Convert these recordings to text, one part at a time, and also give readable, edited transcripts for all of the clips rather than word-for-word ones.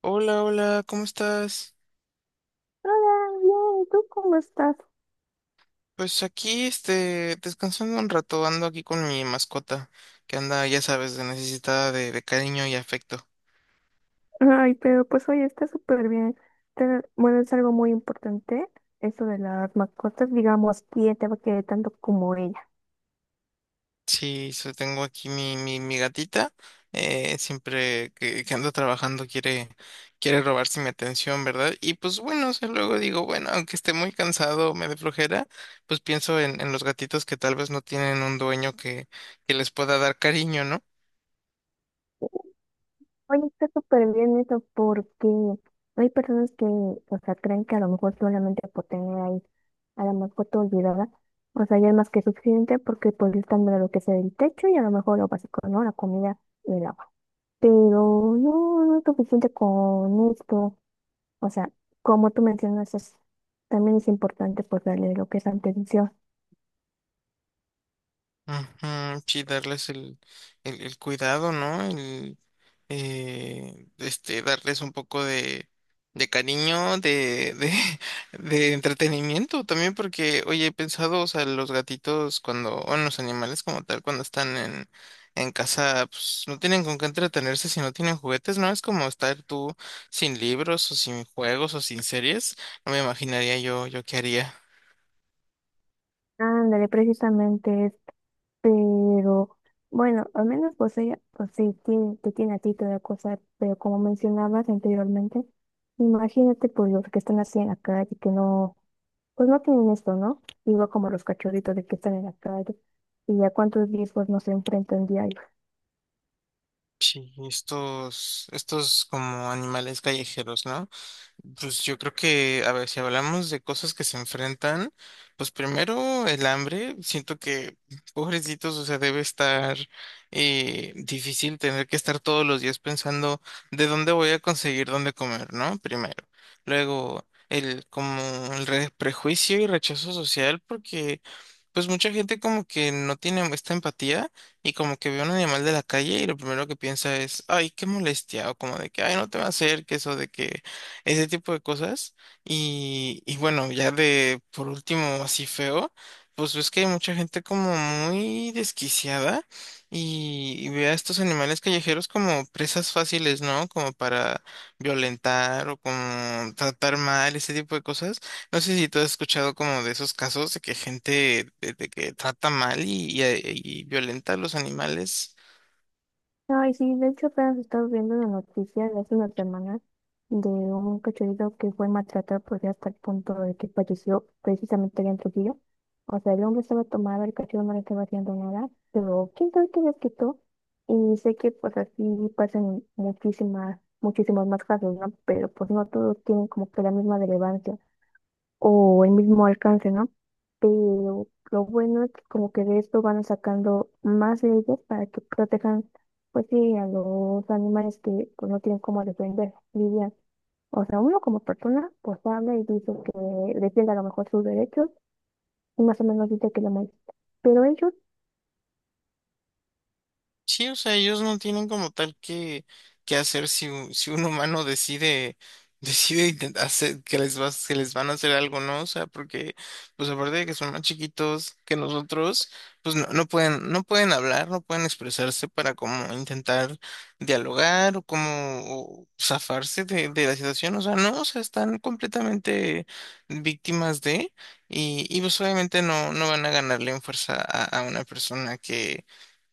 Hola, hola, ¿cómo estás? Hola, bien, ¿tú cómo estás? Pues aquí, descansando un rato, ando aquí con mi mascota, que anda, ya sabes, de necesitada de cariño y afecto. Ay, pero pues hoy está súper bien. Bueno, es algo muy importante, eso de las mascotas, digamos, quién te va a querer tanto como ella. Sí, tengo aquí mi gatita, siempre que ando trabajando quiere robarse mi atención, ¿verdad? Y pues bueno, o sea, luego digo, bueno, aunque esté muy cansado, me dé flojera, pues pienso en los gatitos que tal vez no tienen un que les pueda dar cariño, ¿no? Oye, está súper bien eso porque hay personas que, o sea, creen que a lo mejor solamente por tener ahí a la mascota olvidada, o sea, ya es más que suficiente porque pues le están dando lo que sea el techo y a lo mejor lo básico, ¿no? La comida y el agua. Pero no es suficiente con esto. O sea, como tú mencionas, también es importante pues darle lo que es atención. Ujú. Sí, darles el cuidado, ¿no? Darles un poco de cariño, de entretenimiento también, porque, oye, he pensado, o sea, los gatitos cuando, o en los animales como tal, cuando en casa, pues no tienen con qué entretenerse si no tienen juguetes, ¿no? Es como estar tú sin libros o sin juegos o sin series. No me imaginaría yo qué haría. Ándale, precisamente, es- pero bueno, al menos pues ella, pues sí, tiene, te tiene a ti toda cosa, pero como mencionabas anteriormente, imagínate pues los que están así en la calle, que no, pues no tienen esto, ¿no? Igual como los cachorritos de que están en la calle y a cuántos días pues no se enfrentan diario. Sí, estos como animales callejeros, ¿no? Pues yo creo que, a ver, si hablamos de cosas que se enfrentan, pues primero el hambre, siento que, pobrecitos, o sea, debe estar difícil tener que estar todos los días pensando de dónde voy a conseguir dónde comer, ¿no? Primero. Luego, el como el re- prejuicio y rechazo social, porque pues mucha gente como que no tiene esta empatía y como que ve a un animal de la calle y lo primero que piensa es, ay, qué molestia, o como de que, ay, no te va a hacer, que eso de que ese tipo de cosas. Y bueno, ya de por último, así feo, pues ves que hay mucha gente como muy desquiciada y ve a estos animales callejeros como presas fáciles, ¿no? Como para violentar o como tratar mal, ese tipo de cosas. No sé si tú has escuchado como de esos casos de que de que trata mal y violenta a los animales. Ay, sí, de hecho apenas estaba viendo una noticia de hace unas semanas de un cachorrito que fue maltratado por hasta el punto de que falleció precisamente allá en Trujillo. O sea, el hombre estaba tomado, el cachorro no le estaba haciendo nada, pero quién sabe qué les quitó. Y sé que pues así pasan muchísimos más casos, ¿no? Pero pues no todos tienen como que la misma relevancia o el mismo alcance, ¿no? Pero lo bueno es que como que de esto van sacando más leyes para que protejan, pues sí, a los animales que pues, no tienen cómo defender, dirían. O sea, uno como persona, pues habla y dice que defiende a lo mejor sus derechos y más o menos dice que lo molesta. Pero ellos, Sí, o sea, ellos no tienen como tal que hacer si, si un humano decide, hacer que que les van a hacer algo, ¿no? O sea, porque, pues aparte de que son más chiquitos que nosotros, pues no pueden hablar, no pueden expresarse para como intentar dialogar o como o de la situación. O sea, no, o sea, están completamente víctimas de, y pues obviamente no van a ganarle en fuerza a una persona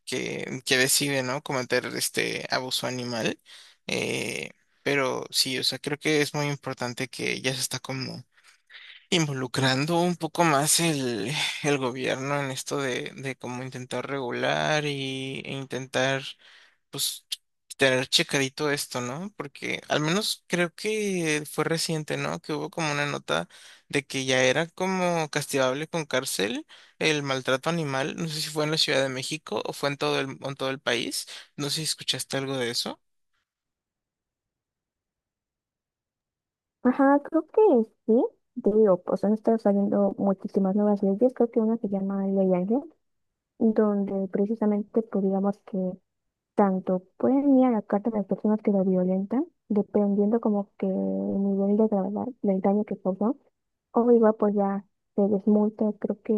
que decide, ¿no? Cometer este abuso animal. Eh, pero sí, o sea, creo que es muy importante que ya se está como involucrando un poco más el gobierno en esto de cómo intentar e intentar pues tener checadito esto, ¿no? Porque al menos creo que fue reciente, ¿no? Que hubo como una nota de que ya era como castigable con cárcel el maltrato animal. No sé si fue en la Ciudad de México o fue en en todo el país. No sé si escuchaste algo de eso. ajá, creo que sí, te digo, pues han estado saliendo muchísimas nuevas leyes, creo que una se llama Ley Ángel, donde precisamente, pues digamos que tanto pueden ir a la carta de las personas que lo violentan, dependiendo como que el nivel de gravedad del daño que causó, o igual pues ya se les multa, creo que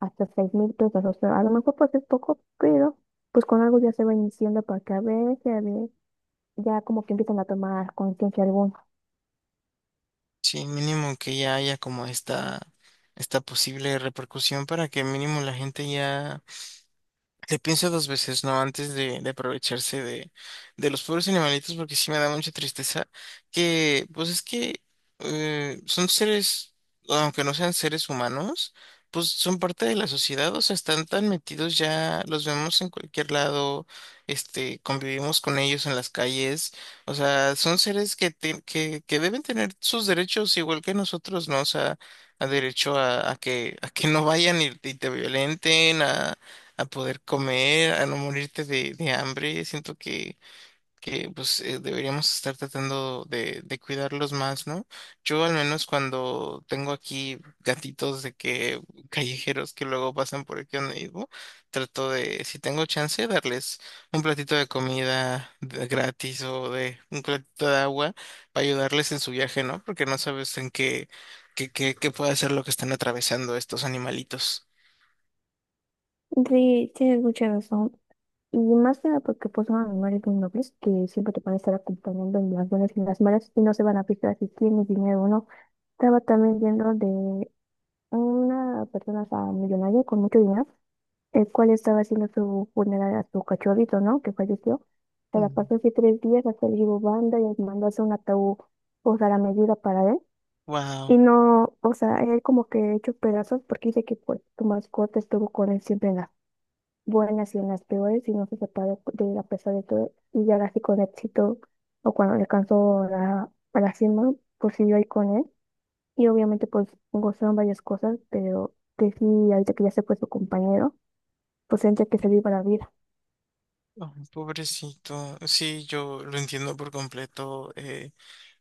hasta 6000 pesos, o sea, a lo mejor pues es poco, pero pues con algo ya se va iniciando para que a ver, ya, ya como que empiezan a tomar conciencia alguna. Sí, mínimo que ya haya como esta posible repercusión para que mínimo la gente ya le pienso dos veces, ¿no? Antes de aprovecharse de los pobres animalitos, porque sí me da mucha tristeza que, pues es que son seres, aunque no sean seres humanos, pues son parte de la sociedad, o sea, están tan metidos ya, los vemos en cualquier lado, convivimos con ellos en las calles, o sea, son seres que deben tener sus derechos igual que nosotros, ¿no? O sea, a derecho a que no vayan y te violenten, a poder comer, a no morirte de hambre. Siento que pues deberíamos estar tratando de cuidarlos más, ¿no? Yo al menos cuando tengo aquí gatitos de que callejeros que luego pasan por aquí donde vivo, trato de, si tengo chance, darles un platito de gratis o de un platito de agua para ayudarles en su viaje, ¿no? Porque no sabes en qué puede ser lo que están atravesando estos animalitos. Sí, tienes mucha razón. Y más que nada porque pues son animales muy nobles que siempre te van a estar acompañando en las buenas y en las malas y no se van a fijar si tienes dinero o no. Estaba también viendo una persona, o sea, millonaria con mucho dinero, el cual estaba haciendo su funeral a su cachorrito, ¿no? Que falleció. Se la Mm. pasó así tres días, hasta el llevó banda y les mandó a hacer un ataúd, o sea, la medida para él. Wow. Y no, o sea, él como que hecho pedazos porque dice que pues tu mascota estuvo con él siempre en las buenas y en las peores y no se separó de él a pesar de todo. Y ya así con éxito, o cuando le alcanzó la, a la cima, pues siguió ahí con él. Y obviamente pues gozaron varias cosas, pero que sí, ahorita que ya se fue su compañero, pues tendría que salir para la vida. Ay, pobrecito. Sí, yo lo entiendo por completo.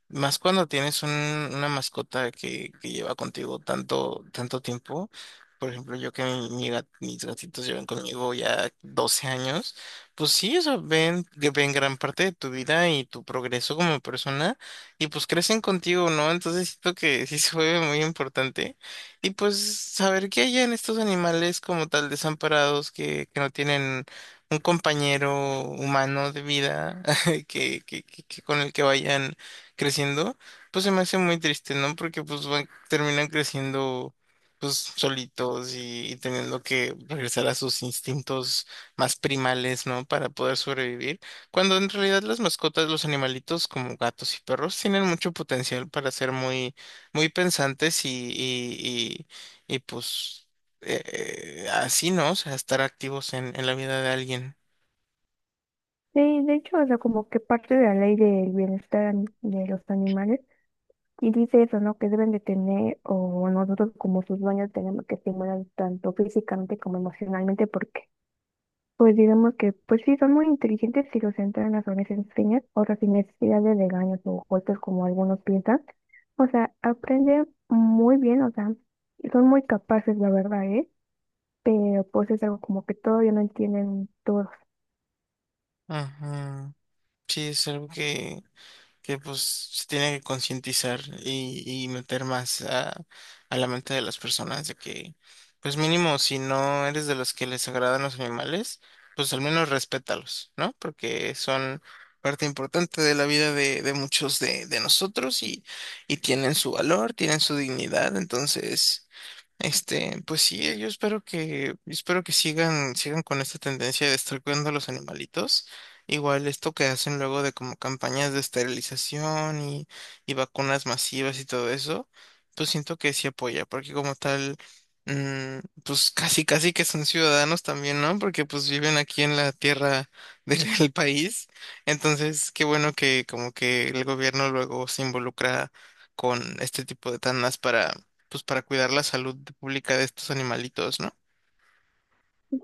Más cuando tienes una mascota que lleva contigo tanto tiempo. Por ejemplo, yo que mis gatitos llevan conmigo ya 12 años, pues sí, o sea, ven, que ven gran parte de tu vida y tu progreso como persona y pues crecen contigo, ¿no? Entonces siento que sí se vuelve muy importante. Y pues saber que hay en estos animales como tal desamparados que no tienen un compañero humano de vida que con el que vayan creciendo, pues se me hace muy triste, ¿no? Porque pues van, terminan creciendo pues solitos y teniendo que regresar a sus instintos más primales, ¿no? Para poder sobrevivir. Cuando en realidad las mascotas, los animalitos como gatos y perros tienen mucho potencial para ser muy pensantes pues así, ¿no? O sea, estar activos en la vida de alguien. Sí, de hecho, o sea, como que parte de la ley del bienestar de los animales, y dice eso, ¿no? Que deben de tener, o nosotros como sus dueños tenemos que estimular tanto físicamente como emocionalmente, porque pues digamos que, pues sí, son muy inteligentes si los entrenas o les enseñas, o sea, sin necesidad de regaños o golpes como algunos piensan. O sea, aprenden muy bien, o sea, y son muy capaces, la verdad, ¿eh? Pero pues es algo como que todavía no entienden todos. Ajá. Sí, es algo que pues se tiene que concientizar y meter más a la mente de las personas de que, pues mínimo, si no eres de los que les agradan los animales, pues al menos respétalos, ¿no? Porque son parte importante de la vida de muchos de nosotros y tienen su valor, tienen su dignidad, entonces... pues sí, yo espero que sigan con esta tendencia de estar cuidando a los animalitos. Igual esto que hacen luego de como campañas de esterilización y vacunas masivas y todo eso, pues siento que sí apoya, porque como tal, pues casi casi que son ciudadanos también, ¿no? Porque pues viven aquí en la tierra del país. Entonces, qué bueno que como que el gobierno luego se involucra con este tipo de tandas para pues para cuidar la salud pública de estos animalitos, ¿no?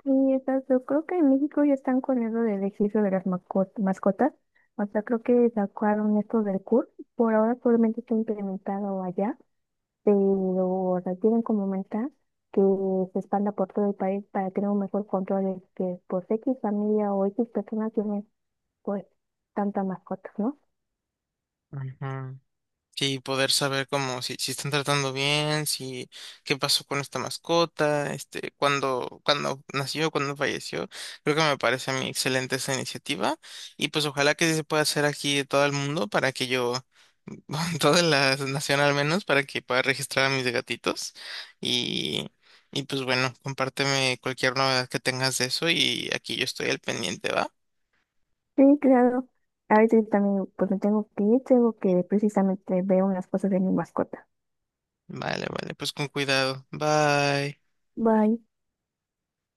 Sí, exacto. Yo creo que en México ya están con eso del ejercicio de las mascotas. O sea, creo que sacaron esto del CUR. Por ahora solamente está implementado allá pero requieren como meta que se expanda por todo el país para tener un mejor control de que por X familia o X personas tienen pues tantas mascotas, ¿no? Ujú. Sí, poder saber cómo, si están tratando bien, si qué pasó con esta mascota, cuándo nació, cuándo falleció. Creo que me parece a mí excelente esa iniciativa. Y pues ojalá que sí se pueda hacer aquí de todo el mundo para que yo, toda la nación al menos, para que pueda registrar a mis gatitos. Y, y pues bueno, compárteme cualquier novedad que tengas de eso y aquí yo estoy al pendiente, ¿va? Sí, claro. A veces también pues me tengo que ir, tengo que precisamente ver unas cosas de mi mascota. Vale, vale, pues con cuidado. Bye. Bye.